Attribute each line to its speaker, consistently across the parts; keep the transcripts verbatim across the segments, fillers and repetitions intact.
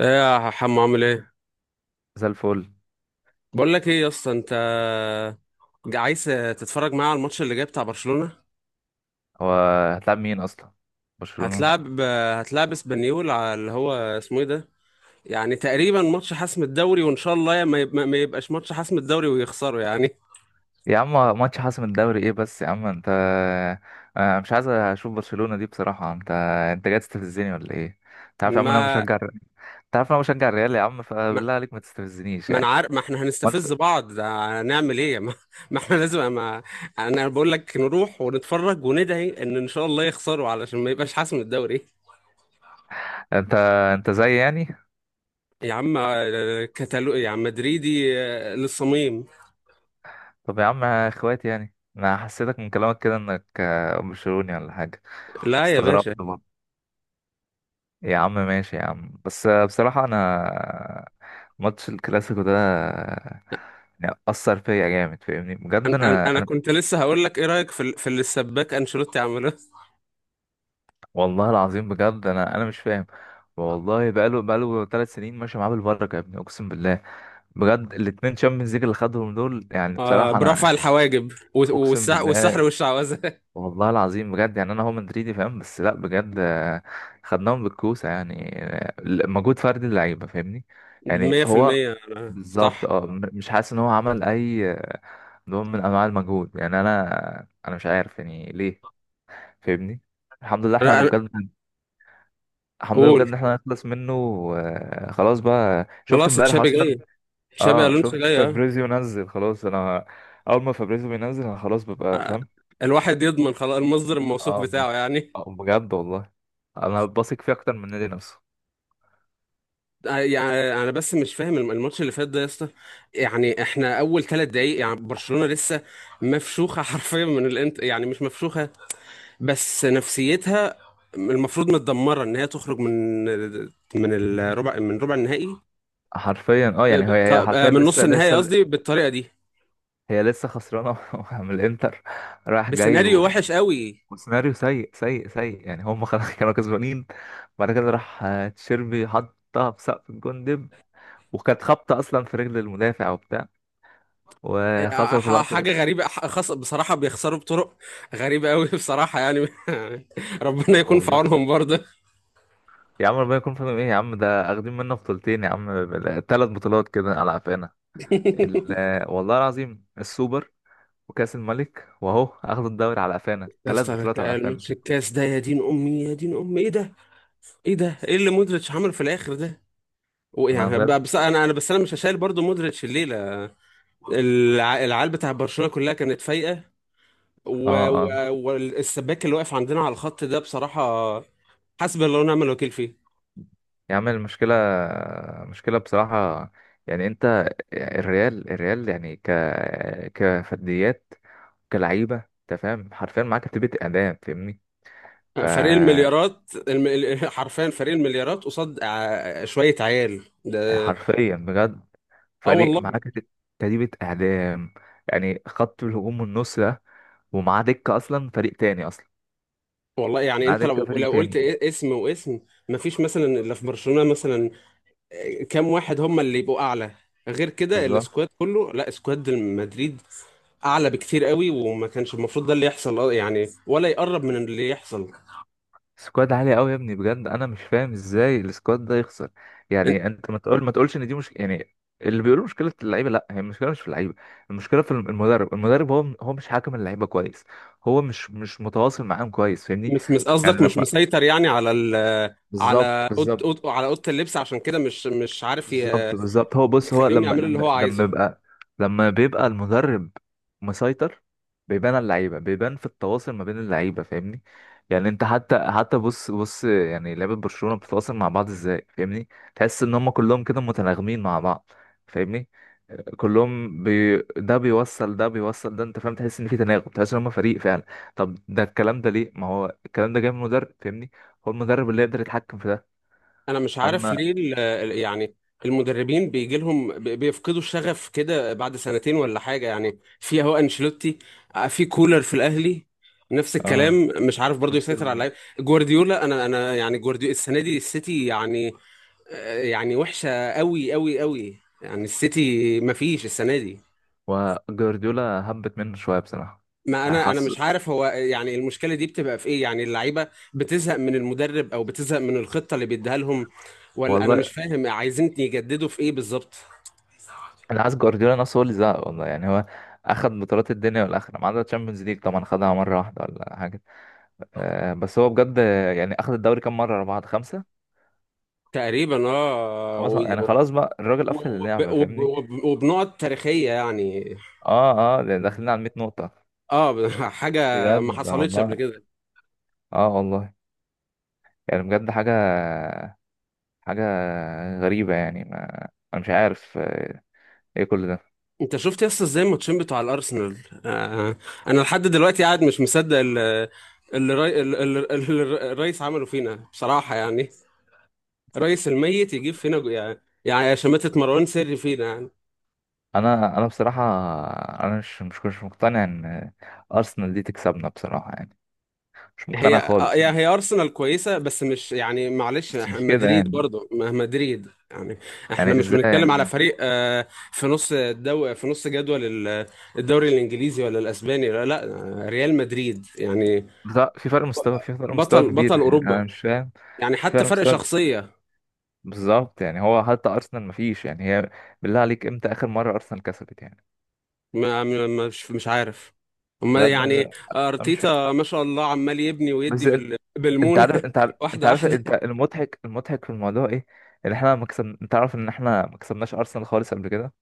Speaker 1: ايه يا حمو عامل ايه؟
Speaker 2: زي الفل.
Speaker 1: بقول لك ايه يا اسطى، انت عايز تتفرج معايا على الماتش اللي جاي بتاع برشلونة؟
Speaker 2: هو هتلعب مين اصلا؟ برشلونة؟
Speaker 1: هتلعب هتلعب اسبانيول على اللي هو اسمه ايه ده. يعني تقريبا ماتش حسم الدوري، وان شاء الله ما يب- ما يبقاش ماتش حسم الدوري ويخسروا يعني.
Speaker 2: يا عم، ماتش حاسم الدوري ايه بس يا عم انت؟ انا مش عايز اشوف برشلونة دي بصراحة. انت، انت جاي تستفزني ولا ايه؟ انت عارف يا عم انا
Speaker 1: ما
Speaker 2: بشجع انت عارف انا بشجع الريال يا عم،
Speaker 1: ما
Speaker 2: فبالله عليك ما تستفزنيش
Speaker 1: ما انا
Speaker 2: يعني.
Speaker 1: عارف، ما احنا
Speaker 2: ما انت
Speaker 1: هنستفز بعض، ده هنعمل ايه؟ ما, ما احنا لازم، ما انا بقول لك نروح ونتفرج وندعي ان ان شاء الله يخسروا علشان ما يبقاش حسم الدوري.
Speaker 2: انت انت زي يعني.
Speaker 1: يا عم آه، كتالو يا عم، مدريدي آه، للصميم.
Speaker 2: طب يا عم اخواتي، يعني انا حسيتك من كلامك كده انك آه، برشلوني ولا حاجة.
Speaker 1: لا يا
Speaker 2: استغربت
Speaker 1: باشا.
Speaker 2: برضه. يا عم ماشي يا عم، بس بصراحة أنا ماتش الكلاسيكو ده يعني أثر فيا جامد، فاهمني بجد.
Speaker 1: انا انا
Speaker 2: أنا
Speaker 1: أنا
Speaker 2: أنا
Speaker 1: كنت لسه هقول لك، ايه رايك في ال- في اللي السباك انشيلوتي عمله؟
Speaker 2: والله العظيم بجد، أنا أنا مش فاهم. والله بقاله بقاله ثلاث سنين ماشي معاه بالبركة يا ابني، أقسم بالله. بجد الاتنين شامبيونز ليج اللي خدهم دول، يعني
Speaker 1: آه،
Speaker 2: بصراحة أنا
Speaker 1: برفع الحواجب و-
Speaker 2: أقسم
Speaker 1: والسح والسحر
Speaker 2: بالله،
Speaker 1: والشعوذه.
Speaker 2: والله العظيم بجد. يعني انا هو مدريدي فاهم، بس لا بجد آه، خدناهم بالكوسه يعني. آه، مجهود فردي اللعيبه فاهمني. يعني هو
Speaker 1: مية في المية أنا-
Speaker 2: بالظبط.
Speaker 1: صح.
Speaker 2: اه م- مش حاسس ان هو عمل اي آه، نوع من انواع المجهود. يعني انا انا مش عارف يعني ليه، فاهمني. الحمد لله احنا
Speaker 1: انا أنا-
Speaker 2: بجد، الحمد لله بجد
Speaker 1: قول.
Speaker 2: ان احنا نخلص منه. آه، خلاص بقى، شفت
Speaker 1: خلاص
Speaker 2: امبارح
Speaker 1: تشابي
Speaker 2: اصلا.
Speaker 1: جاي، تشابي
Speaker 2: اه
Speaker 1: الونسو
Speaker 2: شفت
Speaker 1: جاي آه.
Speaker 2: فابريزيو نزل خلاص. انا اول ما فابريزيو بينزل انا خلاص ببقى فاهم.
Speaker 1: الواحد يضمن خلاص المصدر الموثوق
Speaker 2: اه بجد،
Speaker 1: بتاعه يعني.
Speaker 2: آه، بجد والله، انا بثق فيه اكتر من النادي نفسه.
Speaker 1: آه، يعني انا بس مش فاهم الم- الماتش اللي فات ده يا اسطى. يعني احنا اول ثلاث دقايق، يعني برشلونه لسه مفشوخه حرفيا من الانت. يعني مش مفشوخه، بس نفسيتها المفروض متدمره ان هي تخرج من من الربع من ربع النهائي،
Speaker 2: حرفيا اه،
Speaker 1: ب-
Speaker 2: يعني
Speaker 1: بالط-
Speaker 2: هي، هي
Speaker 1: آه،
Speaker 2: حرفيا
Speaker 1: من
Speaker 2: لسه
Speaker 1: نص النهائي
Speaker 2: لسه
Speaker 1: قصدي، بالطريقه دي،
Speaker 2: هي لسه خسرانه من الانتر، رايح جاي
Speaker 1: بسيناريو
Speaker 2: ويعني.
Speaker 1: وحش قوي.
Speaker 2: وسيناريو سيء سيء سيء، يعني هم خلاص كانوا كسبانين. بعد كده راح آه، تشيربي حطها في سقف الجون دب، وكانت خبطه اصلا في رجل المدافع وبتاع،
Speaker 1: آه،
Speaker 2: وخسروا في
Speaker 1: ح-
Speaker 2: الوقت ده.
Speaker 1: حاجه غريبه، ح- خاصه بصراحه بيخسروا بطرق غريبه قوي بصراحه يعني. ربنا يكون في
Speaker 2: والله
Speaker 1: عونهم برضه.
Speaker 2: يا عم، ربنا يكون في عونهم. ايه يا عم، ده اخدين منا بطولتين يا عم، ثلاث بطولات كده على قفانا. ال- والله العظيم السوبر وكأس الملك، واهو اخد الدوري على قفانا،
Speaker 1: يا
Speaker 2: ثلاث
Speaker 1: اسطى
Speaker 2: بطولات على
Speaker 1: الماتش
Speaker 2: قفانا.
Speaker 1: الكاس ده، يا دين امي يا دين امي، ايه ده؟ ايه ده؟ ايه اللي مودريتش عمله في الاخر ده؟ و-
Speaker 2: انا
Speaker 1: يعني ب-
Speaker 2: بجد،
Speaker 1: بس انا انا بس انا مش هشايل برضه مودريتش الليله. الع- العيال بتاع برشلونة كلها كانت فايقة،
Speaker 2: اه
Speaker 1: و-
Speaker 2: اه.
Speaker 1: و- والسباك اللي واقف عندنا على الخط ده بصراحة حسبي الله ونعم الوكيل فيه.
Speaker 2: يا عم المشكله، مشكله بصراحه. يعني انت، الريال الريال يعني ك كفرديات، كلعيبه، انت فاهم، حرفيا معاك كتيبه اعدام فاهمني. ف
Speaker 1: فريق المليارات، الم... ال- حرفيا فريق المليارات قصاد ع- شوية عيال ده.
Speaker 2: حرفيا بجد،
Speaker 1: اه
Speaker 2: فريق
Speaker 1: والله.
Speaker 2: معاك كت- كتيبه اعدام. يعني خط الهجوم والنص ده، ومعاه دكه اصلا فريق تاني اصلا،
Speaker 1: والله يعني
Speaker 2: معاه
Speaker 1: انت
Speaker 2: دكه
Speaker 1: لو
Speaker 2: فريق
Speaker 1: لو قلت
Speaker 2: تاني.
Speaker 1: إيه- اسم واسم مفيش مثلا الا في برشلونة مثلا. آه، كام واحد هم اللي يبقوا اعلى؟ غير كده السكواد كله، لا، سكواد مدريد اعلى بكتير قوي، وما كانش المفروض ده اللي يحصل اه يعني، ولا يقرب من اللي يحصل.
Speaker 2: سكواد عالي قوي يا ابني، بجد انا مش فاهم ازاي السكواد ده يخسر. يعني انت ما تقول، ما تقولش ان دي مش يعني، اللي بيقولوا مشكله اللعيبه، لا، هي المشكله مش في اللعيبه، المشكله في الم- المدرب. المدرب هو هو مش حاكم اللعيبه كويس، هو مش مش متواصل معاهم كويس فاهمني.
Speaker 1: مش مس
Speaker 2: يعني
Speaker 1: قصدك مش
Speaker 2: لما،
Speaker 1: مسيطر يعني على ال
Speaker 2: بالظبط
Speaker 1: على أوض
Speaker 2: بالظبط.
Speaker 1: أوض على أوضة اللبس، عشان كده مش مش عارف ي-
Speaker 2: بالظبط بالظبط هو بص، هو
Speaker 1: يخليهم
Speaker 2: لما
Speaker 1: يعملوا اللي هو
Speaker 2: لما لما
Speaker 1: عايزه.
Speaker 2: يبقى، لما بيبقى المدرب مسيطر، بيبان على اللعيبه، بيبان في التواصل ما بين اللعيبه فاهمني. يعني انت حتى حتى بص بص يعني لعيبه برشلونه بتتواصل مع بعض ازاي فاهمني؟ تحس ان هم كلهم كده متناغمين مع بعض، فاهمني. كلهم بي... ده بيوصل ده بيوصل ده، انت فاهم، تحس ان في تناغم، تحس ان هم فريق فعلا. طب ده الكلام ده ليه؟ ما هو الكلام ده جاي من المدرب، فاهمني. هو المدرب اللي يقدر يتحكم في ده.
Speaker 1: أنا مش عارف
Speaker 2: اما
Speaker 1: ليه ال- ال- يعني المدربين بيجي لهم بي- بيفقدوا الشغف كده بعد سنتين ولا حاجة يعني. في أهو أنشيلوتي، آه، في كولر في الأهلي نفس
Speaker 2: اه،
Speaker 1: الكلام، مش عارف برضو
Speaker 2: نفس
Speaker 1: يسيطر على
Speaker 2: ال...
Speaker 1: اللعيبة. جوارديولا، أنا أنا يعني جوارديولا السنة دي السيتي يعني آه، يعني وحشة قوي قوي قوي، يعني السيتي مفيش السنة دي.
Speaker 2: وجوارديولا هبت منه شويه بصراحه.
Speaker 1: ما
Speaker 2: انا
Speaker 1: انا انا
Speaker 2: حاسس،
Speaker 1: مش عارف هو يعني المشكله دي بتبقى في ايه، يعني اللعيبه بتزهق من المدرب او بتزهق من الخطه اللي بيديها لهم ولا انا مش
Speaker 2: والله
Speaker 1: فاهم عايزين يجددوا في ايه بالظبط.
Speaker 2: انا حاسس جوارديولا نفسه هو اللي زهق، والله. يعني هو اخد بطولات الدنيا والاخره ما عدا الشامبيونز ليج، طبعا خدها مره واحده ولا حاجه. أه، بس هو بجد يعني اخد الدوري كام مره ورا بعض، خمسه.
Speaker 1: تقريبا اه
Speaker 2: هو ص-
Speaker 1: و-
Speaker 2: يعني خلاص بقى الراجل قفل
Speaker 1: وب-
Speaker 2: اللعبه
Speaker 1: وب-
Speaker 2: فاهمني.
Speaker 1: وب- وبنقط تاريخيه يعني.
Speaker 2: اه اه، ده داخلين على مائة نقطه،
Speaker 1: اه حاجه ما
Speaker 2: بجد
Speaker 1: حصلتش قبل
Speaker 2: والله.
Speaker 1: كده.
Speaker 2: اه والله، يعني بجد حاجه، حاجه غريبه يعني. ما انا مش عارف آه، ايه كل ده.
Speaker 1: انت شفت يس ازاي الماتشين بتوع الارسنال؟ آه آه، انا لحد دلوقتي قاعد مش مصدق اللي اللي الري- اللي- اللي الرئيس عمله فينا بصراحه يعني. رئيس الميت يجيب فينا جو- يعني يعني شماتة مروان سري فينا يعني.
Speaker 2: انا انا بصراحه انا مش مش مش مقتنع ان ارسنال دي تكسبنا بصراحه يعني، مش
Speaker 1: هي
Speaker 2: مقتنع
Speaker 1: آه،
Speaker 2: خالص.
Speaker 1: يعني هي أرسنال كويسة بس مش يعني، معلش
Speaker 2: بس
Speaker 1: إح-
Speaker 2: مش كده
Speaker 1: مدريد
Speaker 2: يعني،
Speaker 1: برضه ما- مدريد يعني احنا
Speaker 2: يعني
Speaker 1: مش
Speaker 2: ازاي
Speaker 1: بنتكلم على
Speaker 2: يعني؟
Speaker 1: فريق آه، في نص الدو في نص جدول ال- الدوري الإنجليزي ولا الأسباني، لا لا، آه، ريال مدريد يعني ب-
Speaker 2: لا، في فرق مستوى، في فرق مستوى
Speaker 1: بطل
Speaker 2: كبير،
Speaker 1: بطل
Speaker 2: يعني
Speaker 1: أوروبا،
Speaker 2: انا مش فاهم،
Speaker 1: يعني
Speaker 2: في
Speaker 1: حتى
Speaker 2: فرق
Speaker 1: فرق
Speaker 2: مستوى.
Speaker 1: شخصية.
Speaker 2: بالظبط، يعني هو حتى ارسنال مفيش، يعني هي بالله عليك امتى اخر مره ارسنال كسبت يعني؟
Speaker 1: ما ما- مش مش عارف هما
Speaker 2: بجد
Speaker 1: يعني.
Speaker 2: انا أنا مش فاهم.
Speaker 1: ارتيتا ما شاء الله عمال يبني ويدي
Speaker 2: بس إن-
Speaker 1: بال-
Speaker 2: انت عارف،
Speaker 1: بالمونه
Speaker 2: انت عارف انت
Speaker 1: واحده
Speaker 2: عارف انت
Speaker 1: واحده.
Speaker 2: المضحك، المضحك في الموضوع ايه؟ ان احنا ما كسب، انت عارف ان احنا ما كسبناش ارسنال خالص قبل كده.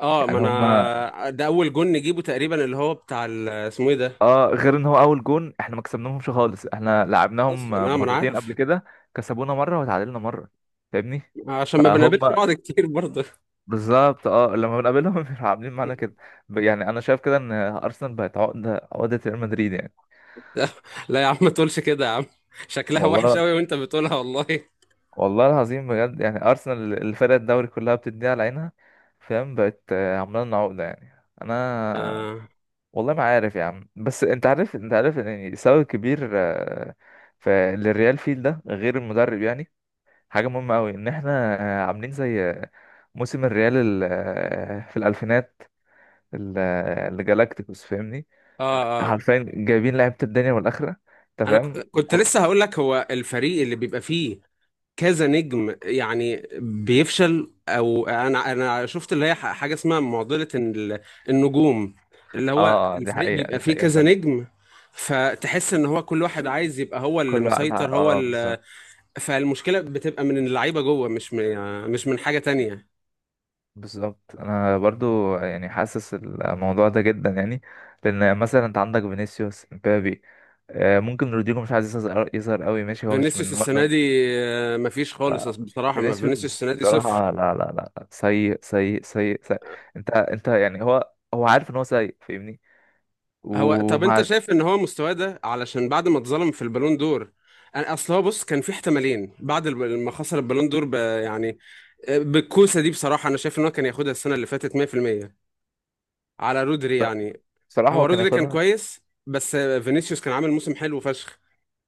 Speaker 1: اه، ما
Speaker 2: يعني هم
Speaker 1: انا ده اول جون نجيبه تقريبا اللي هو بتاع ال- اسمه ايه ده
Speaker 2: اه، غير ان هو اول جون، احنا ما كسبناهمش خالص، احنا لعبناهم
Speaker 1: اصلا اه ما انا
Speaker 2: مرتين قبل
Speaker 1: عارف.
Speaker 2: كده، كسبونا مره وتعادلنا مره، فاهمني.
Speaker 1: عشان ما
Speaker 2: فهم
Speaker 1: بنقابلش بعض كتير برضه.
Speaker 2: بالظبط اه، لما بنقابلهم بيبقوا عاملين معانا كده. ب- يعني انا شايف كده ان ارسنال بقت عقده، عقده ريال مدريد يعني.
Speaker 1: لا لا يا عم ما تقولش كده يا عم، شكلها وحش
Speaker 2: والله،
Speaker 1: قوي وانت بتقولها والله.
Speaker 2: والله العظيم بجد، يعني ارسنال الفرق الدوري كلها بتديها على عينها، فاهم؟ بقت آه، عامله لنا عقده يعني. انا
Speaker 1: اه
Speaker 2: والله ما عارف يا عم، بس انت عارف انت عارف يعني سبب كبير آه، ف- للريال فيل ده غير المدرب يعني. حاجة مهمة أوي إن إحنا آه، عاملين زي آه، موسم الريال ال- آه، في الألفينات، ال- آه، اللي جالاكتيكوس فاهمني.
Speaker 1: اه, آه.
Speaker 2: حرفيا جايبين لعيبة الدنيا والآخرة، أنت
Speaker 1: انا
Speaker 2: فاهم،
Speaker 1: ك- كنت
Speaker 2: وكو...
Speaker 1: لسه هقول لك، هو الفريق اللي بيبقى فيه كذا نجم يعني بيفشل، او انا انا شفت اللي هي ح- حاجه اسمها معضله ال- النجوم، اللي هو
Speaker 2: آه آه، دي
Speaker 1: الفريق
Speaker 2: حقيقة،
Speaker 1: بيبقى
Speaker 2: دي
Speaker 1: فيه
Speaker 2: حقيقة
Speaker 1: كذا
Speaker 2: فاهم.
Speaker 1: نجم، فتحس ان هو كل واحد عايز يبقى هو اللي
Speaker 2: كل واحد ع-
Speaker 1: مسيطر هو
Speaker 2: آه
Speaker 1: اللي،
Speaker 2: بالظبط.
Speaker 1: فالمشكله بتبقى من اللعيبه جوه، مش من يعني، مش من حاجه تانية.
Speaker 2: بالظبط أنا برضو يعني حاسس الموضوع ده جدا يعني. لأن مثلا أنت عندك فينيسيوس مبابي، آه، ممكن رودريجو مش عايز يظهر، يظهر أوي ماشي، هو مش من
Speaker 1: فينيسيوس السنه
Speaker 2: النهاردة.
Speaker 1: دي آه، مفيش خالص بصراحه، ما
Speaker 2: فينيسيوس
Speaker 1: فينيسيوس السنه دي صفر.
Speaker 2: بصراحة لا لا لا لا. سيء سيء سيء سيء. انت انت يعني هو، هو عارف ان هو سيء فاهمني.
Speaker 1: هو، طب انت
Speaker 2: ومع،
Speaker 1: شايف ان هو مستواه ده علشان بعد ما اتظلم في البالون دور؟ انا اصل هو، بص، كان في احتمالين بعد الب- ما خسر البالون دور ب... يعني آه، بالكوسه دي بصراحه، انا شايف ان هو كان ياخدها السنه اللي فاتت مية في المية على رودري يعني.
Speaker 2: بصراحة
Speaker 1: هو
Speaker 2: هو كان
Speaker 1: رودري كان
Speaker 2: ياخدها.
Speaker 1: كويس بس فينيسيوس كان عامل موسم حلو فشخ.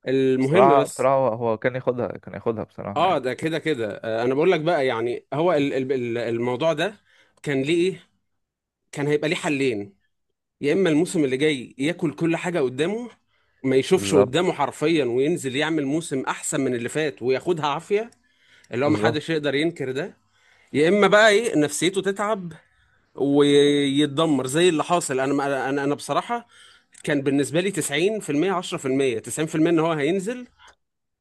Speaker 1: المهم،
Speaker 2: بصراحة
Speaker 1: بس
Speaker 2: بصراحة هو هو كان ياخدها، كان ياخدها بصراحة
Speaker 1: اه
Speaker 2: يعني.
Speaker 1: ده كده كده آه، انا بقول لك بقى، يعني هو ال... ال- ال- الموضوع ده كان ليه ايه، كان هيبقى ليه حلين: يا اما الموسم اللي جاي ياكل كل حاجه قدامه، ما يشوفش
Speaker 2: بالظبط،
Speaker 1: قدامه حرفيا، وينزل يعمل موسم احسن من اللي فات وياخدها عافيه، اللي هو ما
Speaker 2: بالظبط.
Speaker 1: حدش يقدر ينكر ده، يا اما بقى ايه نفسيته تتعب ويتدمر زي اللي حاصل. انا ما- انا انا بصراحه كان بالنسبه لي تسعين في المية عشرة في المية، تسعين في المية ان هو هينزل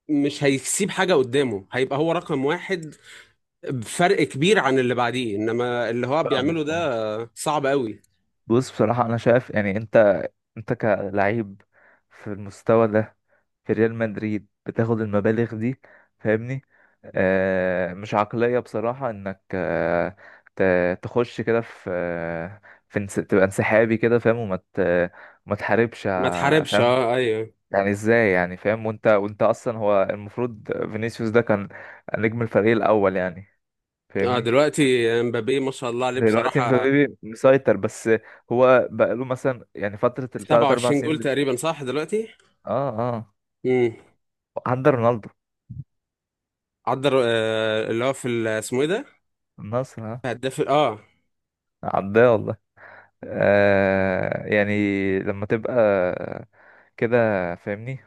Speaker 1: مش هيسيب حاجه قدامه، هيبقى هو رقم واحد بفرق كبير عن اللي بعديه، انما اللي هو
Speaker 2: فاهمك.
Speaker 1: بيعمله ده صعب قوي.
Speaker 2: بص بصراحة أنا شايف يعني، أنت أنت كلعيب في المستوى ده، في ريال مدريد، بتاخد المبالغ دي فاهمني. آه، مش عقلية بصراحة انك آه ت- تخش كده في آه، في انس- تبقى انسحابي كده فاهم، وما ت- ما تحاربش
Speaker 1: ما
Speaker 2: ع-
Speaker 1: تحاربش،
Speaker 2: فاهم.
Speaker 1: اه ايوه.
Speaker 2: يعني ازاي يعني فاهم؟ وانت وانت اصلا هو المفروض فينيسيوس ده كان نجم الفريق الاول يعني،
Speaker 1: اه
Speaker 2: فاهمني.
Speaker 1: دلوقتي امبابي ما شاء الله عليه
Speaker 2: دلوقتي
Speaker 1: بصراحة،
Speaker 2: مبابي مسيطر بس، هو بقاله مثلا يعني فترة الثلاث أربع
Speaker 1: سبعة وعشرين
Speaker 2: سنين
Speaker 1: جول
Speaker 2: اللي-
Speaker 1: تقريبا صح دلوقتي.
Speaker 2: اه اه،
Speaker 1: امم،
Speaker 2: عدى رونالدو،
Speaker 1: عدى آه، اللي هو في ال- اسمه ايه ده،
Speaker 2: النصر ها.
Speaker 1: هداف ال- اه.
Speaker 2: عداه والله. آه يعني، لما تبقى كده فاهمني،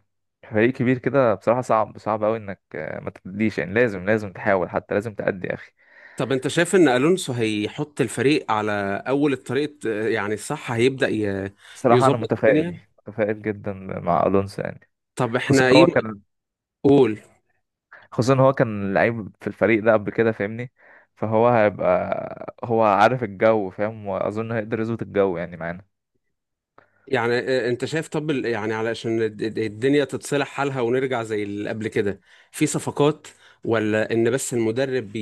Speaker 2: فريق كبير كده، بصراحة صعب، صعب أوي إنك آه، ما تديش. يعني لازم، لازم تحاول، حتى لازم تأدي يا أخي.
Speaker 1: طب انت شايف ان الونسو هيحط الفريق على اول الطريق آه، يعني صح، هيبدأ ي-
Speaker 2: بصراحة أنا
Speaker 1: يظبط
Speaker 2: متفائل،
Speaker 1: الدنيا؟
Speaker 2: متفائل جدا مع ألونسو يعني.
Speaker 1: طب
Speaker 2: خصوصا
Speaker 1: احنا
Speaker 2: إن
Speaker 1: ايه
Speaker 2: هو
Speaker 1: م-
Speaker 2: كان،
Speaker 1: قول،
Speaker 2: خصوصا إن هو كان لعيب في الفريق ده قبل كده فاهمني، فهو هيبقى هو عارف الجو فاهم، وأظن هيقدر يظبط الجو يعني معانا.
Speaker 1: يعني آه، آه، انت شايف طب ال- يعني علشان الد- الد- الدنيا تتصلح حالها ونرجع زي اللي قبل كده، في صفقات ولا ان بس المدرب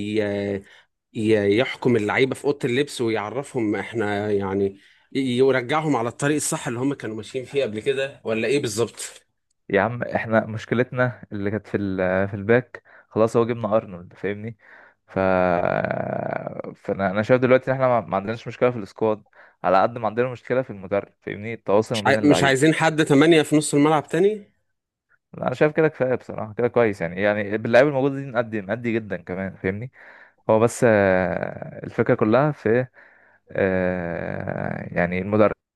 Speaker 1: ي- يحكم اللعيبه في اوضه اللبس ويعرفهم احنا يعني ي- يرجعهم على الطريق الصح اللي هم كانوا ماشيين فيه قبل كده، ولا ايه بالظبط؟
Speaker 2: يا عم احنا مشكلتنا اللي كانت في ال- في الباك، خلاص هو جبنا ارنولد فاهمني. ف فانا، انا شايف دلوقتي ان احنا ما ما عندناش مشكله في السكواد، على قد ما عندنا مشكله في المدرب فاهمني، التواصل ما
Speaker 1: مش عاي-
Speaker 2: بين
Speaker 1: مش
Speaker 2: اللعيب.
Speaker 1: عايزين حد تمانية في نص الملعب تاني.
Speaker 2: انا شايف كده كفايه بصراحه، كده كويس يعني، يعني باللعيب الموجود دي نأدي نأدي جدا كمان فاهمني. هو بس آه، الفكره كلها في آه، يعني المدرب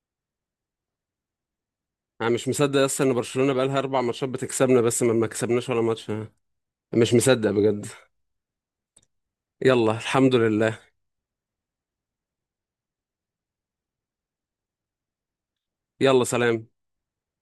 Speaker 1: انا مش مصدق اصلا ان برشلونه بقالها اربع ماتشات بتكسبنا بس، ما ما كسبناش ولا ماتش. أنا مش مصدق بجد. يلا الحمد لله. يلا سلام.